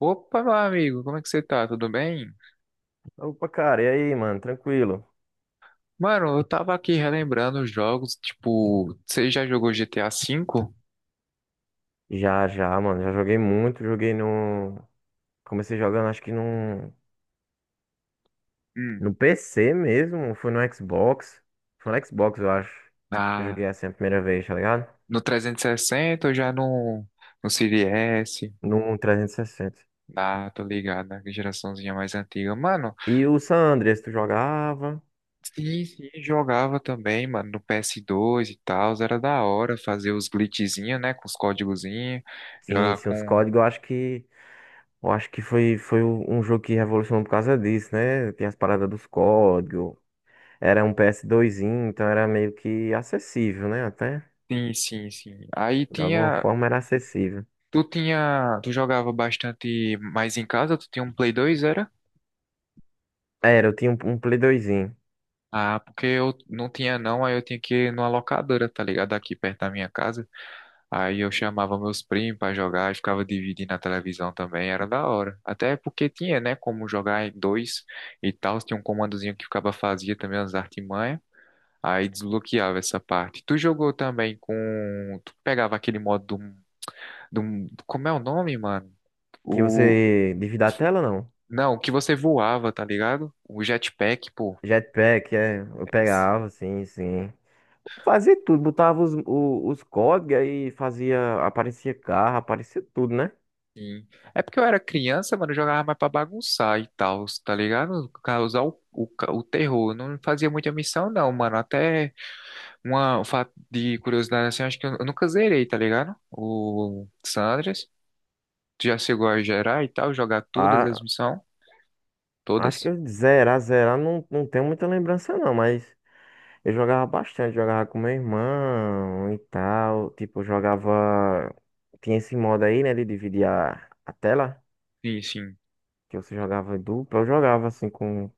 Opa, meu amigo, como é que você tá? Tudo bem? Opa, cara, e aí, mano? Tranquilo? Mano, eu tava aqui relembrando os jogos, tipo, você já jogou GTA V? Já, já, mano. Já joguei muito. Joguei no. Comecei jogando, acho que no. Hum. No PC mesmo. Foi no Xbox. Foi no Xbox, eu acho. Que Eu Na, joguei assim a primeira vez, tá ligado? no 360 ou já no Series S? No trezentos E sessenta Ah, tô ligado, na geraçãozinha mais antiga. Mano, e o San Andreas, tu jogava? sim, sim, jogava também, mano, no PS2 e tal, era da hora fazer os glitchzinhos, né, com os códigozinhos, Sim, jogar sim, os com... códigos. Eu acho que. Eu acho que foi, foi um jogo que revolucionou por causa disso, né? Tem as paradas dos códigos. Era um PS2zinho, então era meio que acessível, né? Até. Sim, sim, sim. Aí De alguma tinha. forma era acessível. Tu jogava bastante mais em casa? Tu tinha um Play 2, era? Era, eu tinha um Play 2. Ah, porque eu não tinha não, aí eu tinha que ir numa locadora, tá ligado? Aqui perto da minha casa. Aí eu chamava meus primos pra jogar e ficava dividindo a televisão também, era da hora. Até porque tinha, né, como jogar em dois e tal, tinha um comandozinho que ficava fazia também umas artimanhas. Aí desbloqueava essa parte. Tu jogou também com. Tu pegava aquele modo do. Do... Como é o nome, mano? Que você divida a tela, não? Não, que você voava, tá ligado? O jetpack, pô. Jetpack, é. Eu É, pegava, sim, sim. Fazia tudo, botava os códigos aí, fazia. Aparecia carro, aparecia tudo, né? sim. É porque eu era criança, mano, eu jogava mais pra bagunçar e tal, tá ligado? Causar o terror. Eu não fazia muita missão, não, mano. Até uma um fato de curiosidade assim, acho que eu nunca zerei, tá ligado? O Sandras. Tu já chegou a gerar e tal, jogar todas as Ah, missões? acho que Todas? eu zerar, zerar, não, não tenho muita lembrança, não, mas eu jogava bastante, jogava com meu irmão e tal. Tipo, eu jogava. Tinha esse modo aí, né, de dividir a tela, Sim, sim. que você jogava em dupla. Eu jogava assim com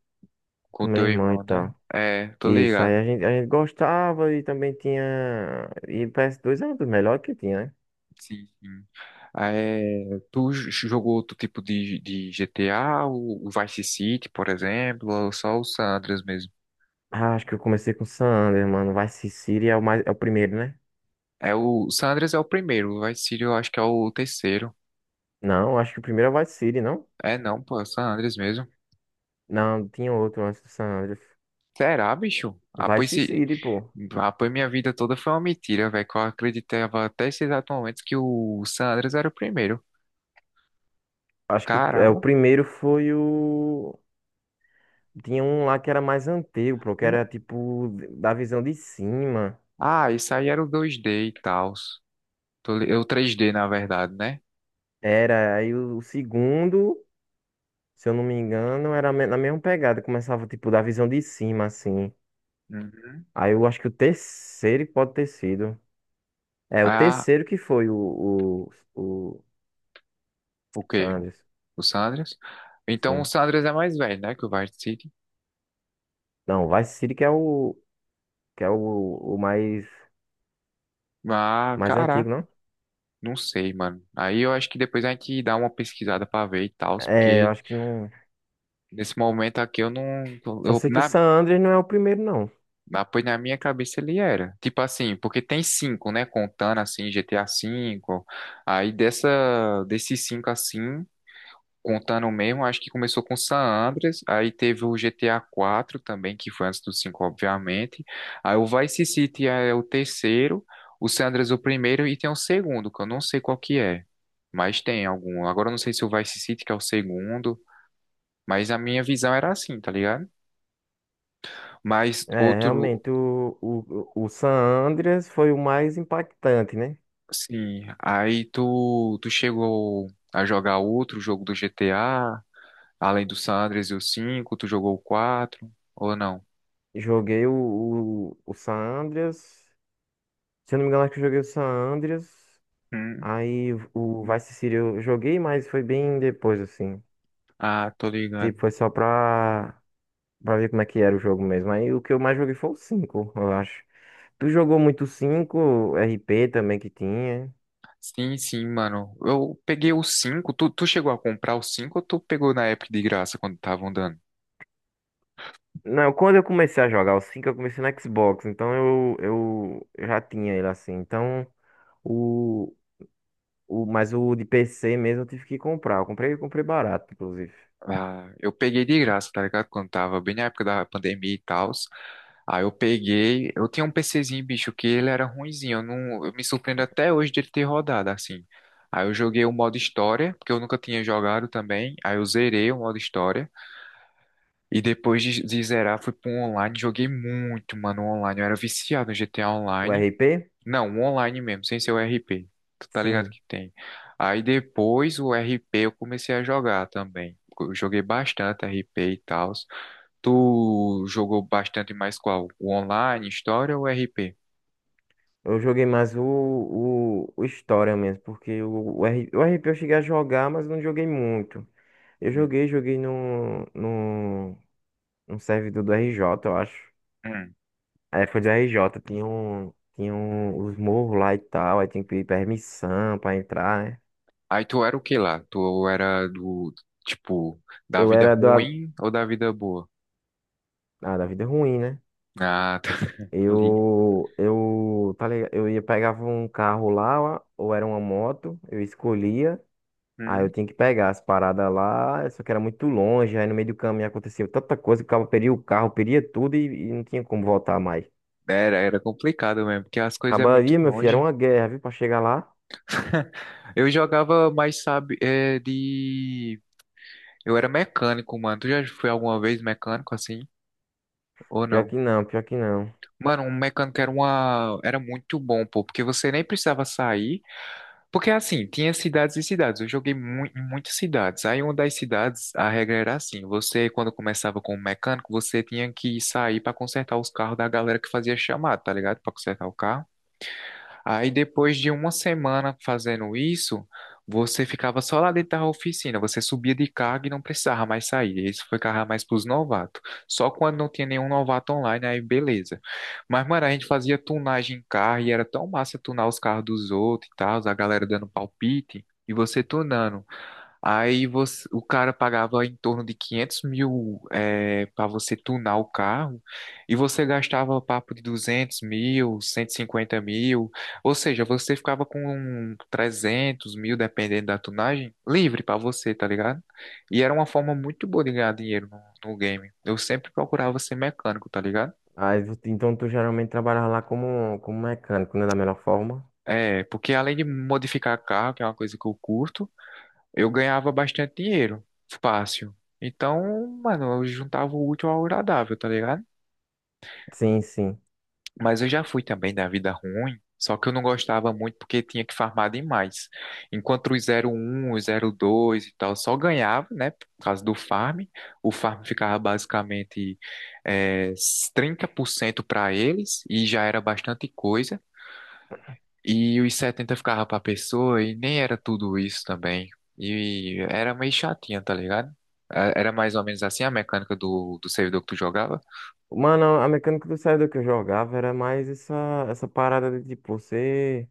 Com o meu teu irmão e irmão, né? tal. É, tô Isso, aí ligado. A gente gostava e também tinha. E ps dois era um dos melhores que tinha, né? Sim, sim. Ah, é, tu jogou outro tipo de, GTA, o Vice City, por exemplo, ou só o San Andreas mesmo? Ah, acho que eu comecei com San Andreas, mano. Vice City é o, mais, é o primeiro, né? É, o San Andreas é o primeiro, o Vice City eu acho que é o terceiro. Não, acho que o primeiro é o Vice City, não? É não, pô, é o San Andreas mesmo. Não, tinha outro antes do San Andreas. Será, bicho? Ah, pois, Vice se... City, pô. Ah, pois minha vida toda foi uma mentira, velho, que eu acreditava até esse exato momento que o San Andreas era o primeiro. Acho que o, é, o Caramba. primeiro foi o. Tinha um lá que era mais antigo, pô, que N- era tipo da visão de cima. Ah, isso aí era o 2D e tal. Eu 3D, na verdade, né? Era, o segundo, se eu não me engano, na mesma pegada. Começava tipo da visão de cima, assim. Uhum. Aí eu acho que o terceiro que pode ter sido. É, o Ah, terceiro que foi o o quê? Sanders. O Sanders? Então o Sim. Sanders é mais velho, né? Que o Vice City. Não, Vice City que é que é o, o mais, Ah, mais antigo, caraca, não? não sei, mano. Aí eu acho que depois a gente dá uma pesquisada pra ver e tal, É, eu porque acho que não. nesse momento aqui eu não. Só Eu, sei que o na, San Andreas não é o primeiro, não. Pois na minha cabeça ele era. Tipo assim, porque tem cinco, né? Contando assim, GTA V. Desses cinco assim. Contando mesmo, acho que começou com San Andreas, aí teve o GTA 4 também, que foi antes do 5, obviamente. Aí o Vice City é o terceiro, o San Andreas o primeiro e tem o segundo, que eu não sei qual que é, mas tem algum. Agora eu não sei se o Vice City que é o segundo, mas a minha visão era assim, tá ligado? Mas É, outro, realmente, o San Andreas foi o mais impactante, né? sim, aí tu chegou a jogar outro jogo do GTA, além do San Andreas e o 5, tu jogou o 4 ou não? Joguei o San Andreas. Se eu não me engano, acho que eu joguei o San Andreas. Aí o Vice City eu joguei, mas foi bem depois, assim. Ah, tô ligando. Tipo, foi só pra ver como é que era o jogo mesmo. Aí o que eu mais joguei foi o 5, eu acho. Tu jogou muito o 5, RP também que tinha. Sim, sim, mano. Eu peguei o 5. Tu chegou a comprar o 5? Ou tu pegou na época de graça quando estavam dando? Não, quando eu comecei a jogar o 5 eu comecei no Xbox, então eu já tinha ele assim. Então, o, mas o de PC mesmo eu tive que comprar. Eu comprei barato, inclusive. Ah, eu peguei de graça, tá ligado? Quando tava bem na época da pandemia e tal. Aí eu peguei. Eu tinha um PCzinho, bicho, que ele era ruinzinho. Eu, não, eu me surpreendo até hoje dele ter rodado assim. Aí eu joguei o modo história, porque eu nunca tinha jogado também. Aí eu zerei o modo história. E depois de zerar, fui pro online. Joguei muito, mano, online. Eu era viciado no GTA O Online. RP? Não, um online mesmo, sem ser o RP. Tu tá ligado Sim. que tem. Aí depois o RP eu comecei a jogar também. Eu joguei bastante RP e tal. Tu jogou bastante mais qual? O online, história ou RP? Eu joguei mais o História mesmo, porque o RP eu cheguei a jogar, mas não joguei muito. Eu Hum, joguei, joguei no, no, num servidor do RJ, eu acho. hum. Aí foi do RJ, tinha um, os morros lá e tal, aí tinha que pedir permissão pra entrar, né? Aí tu era o que lá? Tu era do, tipo, da Eu vida era ruim ou da vida boa? ah, da vida ruim, né? Ah, tá, tô ligado. Eu, tá ligado? Eu ia, pegava um carro lá, ou era uma moto, eu escolhia, aí eu Hum. tinha que pegar as paradas lá, só que era muito longe, aí no meio do caminho acontecia tanta coisa, que o cara peria o carro, peria tudo e não tinha como voltar mais. Era complicado mesmo, porque as coisas é muito Acabaria, meu filho, era longe. uma guerra, viu, pra chegar lá. Eu jogava mais, sabe, é, de. Eu era mecânico, mano. Tu já foi alguma vez mecânico assim? Ou Pior não? que não, pior que não. Mano, um mecânico era uma. Era muito bom, pô, porque você nem precisava sair. Porque assim, tinha cidades e cidades. Eu joguei mu em muitas cidades. Aí, uma das cidades, a regra era assim: você, quando começava como mecânico, você tinha que sair pra consertar os carros da galera que fazia chamada, tá ligado? Pra consertar o carro. Aí depois de uma semana fazendo isso, você ficava só lá dentro da oficina, você subia de cargo e não precisava mais sair. Isso foi carregar mais pros novatos. Só quando não tinha nenhum novato online, aí beleza. Mas, mano, a gente fazia tunagem em carro e era tão massa tunar os carros dos outros e tal, a galera dando palpite e você tunando. Aí você, o cara pagava em torno de 500 mil para você tunar o carro e você gastava papo de 200 mil, 150 mil, ou seja, você ficava com 300 mil, dependendo da tunagem, livre para você, tá ligado? E era uma forma muito boa de ganhar dinheiro no game. Eu sempre procurava ser mecânico, tá ligado? Aí, então tu geralmente trabalhava lá como, como mecânico, né? Da melhor forma. É, porque além de modificar carro, que é uma coisa que eu curto, eu ganhava bastante dinheiro, fácil. Então, mano, eu juntava o útil ao agradável, tá ligado? Sim, sim. Mas eu já fui também da vida ruim, só que eu não gostava muito porque tinha que farmar demais. Enquanto o 01, o 02 e tal só ganhava, né, por causa do farm, o farm ficava basicamente eh, 30% para eles e já era bastante coisa. E os 70 ficava pra pessoa e nem era tudo isso também. E era meio chatinha, tá ligado? É, era mais ou menos assim a mecânica do servidor que tu jogava. Mano, a mecânica do servidor que eu jogava era mais essa, essa parada de tipo, você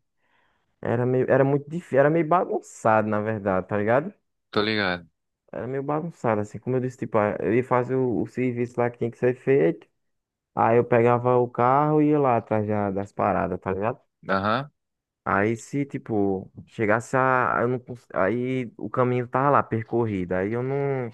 era meio, era muito difícil, era meio bagunçado, na verdade, tá ligado? Tô ligado. Era meio bagunçado, assim, como eu disse, tipo, ah, eu ia fazer o serviço lá que tinha que ser feito. Aí eu pegava o carro e ia lá atrás das paradas, tá ligado? Aham. Aí se, tipo, chegasse a, eu não, cons- aí o caminho tava lá, percorrido. Aí eu não.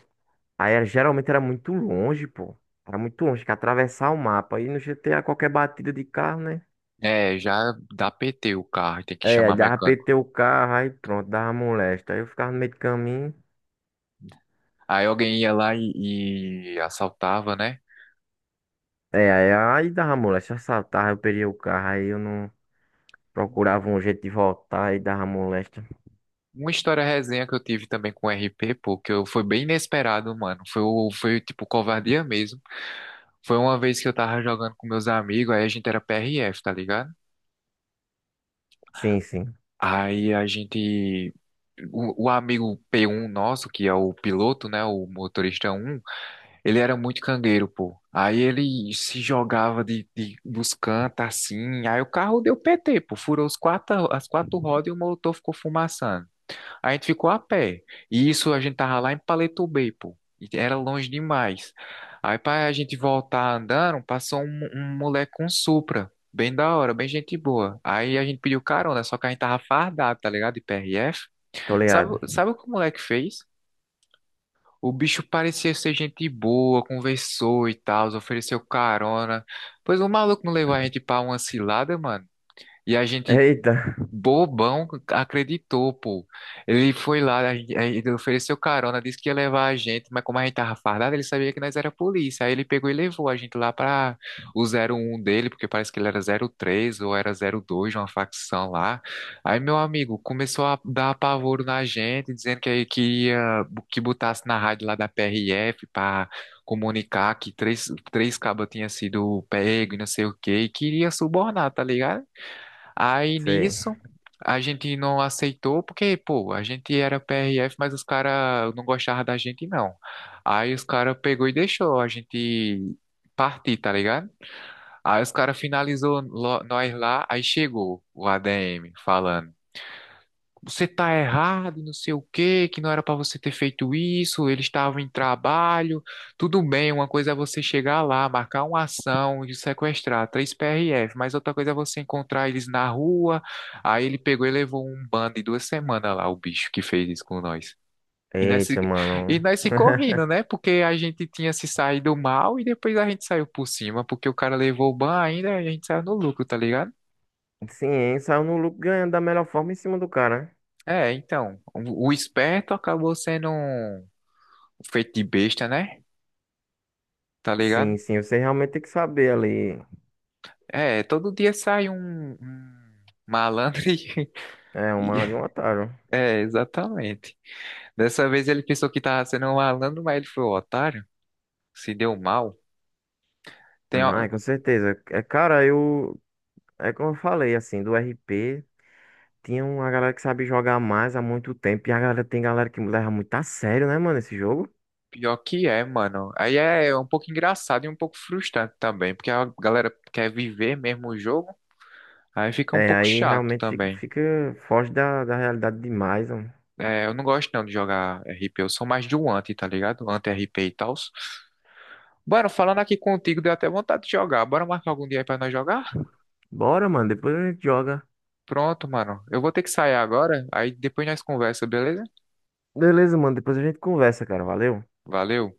Aí era- geralmente era muito longe, pô. Era muito longe, que atravessar o mapa. Aí no GTA qualquer batida de carro, né? É, já dá PT o carro, tem que É, aí chamar dava mecânico. PT o carro, aí pronto, dava molesta. Aí eu ficava no meio do caminho. Aí alguém ia lá e assaltava, né? É, aí dava molesta, assaltava, eu perdia o carro, aí eu não procurava um jeito de voltar, aí dava molesta. Uma história resenha que eu tive também com o RP, pô, que eu, foi bem inesperado, mano. Foi, foi tipo covardia mesmo. Foi uma vez que eu tava jogando com meus amigos, aí a gente era PRF, tá ligado? Sim, sim, Aí a gente. O amigo p um nosso, que é o piloto, né? O motorista um, ele era muito cangueiro, pô. Aí ele se jogava dos cantos assim. Aí o carro deu PT, pô. Furou os quatro, as quatro rodas e o motor ficou fumaçando. A gente ficou a pé. E isso a gente tava lá em Paleto Bay, pô. E era longe demais. Aí pra a gente voltar andando, passou um moleque com Supra. Bem da hora, bem gente boa. Aí a gente pediu carona, só que a gente tava fardado, tá ligado? De PRF. tô Sabe, ligado. sabe o que o moleque fez? O bicho parecia ser gente boa, conversou e tal, ofereceu carona. Pois o maluco não levou a gente pra uma cilada, mano. E a gente Eita, bobão acreditou, pô. Ele foi lá, ele ofereceu carona, disse que ia levar a gente, mas como a gente tava fardado, ele sabia que nós era polícia. Aí ele pegou e levou a gente lá pra o 01 dele, porque parece que ele era 03 ou era 02 de uma facção lá. Aí meu amigo começou a dar apavoro na gente, dizendo que ia que botasse na rádio lá da PRF pra comunicar que três cabas tinha sido pego e não sei o quê, e queria subornar, tá ligado? Aí sei. nisso, a gente não aceitou, porque, pô, a gente era PRF, mas os caras não gostavam da gente, não. Aí os caras pegou e deixou a gente partir, tá ligado? Aí os caras finalizou lo- nós lá, aí chegou o ADM falando você tá errado, e não sei o quê, que não era pra você ter feito isso, eles estavam em trabalho. Tudo bem, uma coisa é você chegar lá, marcar uma ação e sequestrar três PRF, mas outra coisa é você encontrar eles na rua. Aí ele pegou e levou um bando de 2 semanas lá, o bicho que fez isso com nós. E nós, se- Eita, e mano. nós se correndo, né? Porque a gente tinha se saído mal e depois a gente saiu por cima, porque o cara levou o ban ainda e a gente saiu no lucro, tá ligado? Sim, hein? Saiu no lucro ganhando da melhor forma em cima do cara, né? É, então, o esperto acabou sendo um feito de besta, né? Tá ligado? Sim, sim, você realmente tem que saber ali. É, todo dia sai um malandro e... É, e- uma de um otário. É, exatamente. Dessa vez ele pensou que tava sendo um malandro, mas ele foi um otário. Se deu mal. Tem, a- Mas, com certeza. É, cara, eu. É como eu falei, assim, do RP, tinha uma galera que sabe jogar mais há muito tempo. E a galera tem galera que leva muito a sério, né, mano, esse jogo. Pior que é, mano. Aí é um pouco engraçado e um pouco frustrante também, porque a galera quer viver mesmo o jogo, aí fica um É, pouco aí chato realmente também. fica foge da realidade demais, mano. É, eu não gosto não de jogar RP, eu sou mais do anti, tá ligado? Anti-RP e tal. Mano, falando aqui contigo, deu até vontade de jogar. Bora marcar algum dia aí pra nós jogar? Bora, mano, depois a gente joga. Pronto, mano. Eu vou ter que sair agora, aí depois nós conversa, beleza? Beleza, mano, depois a gente conversa, cara. Valeu. Valeu.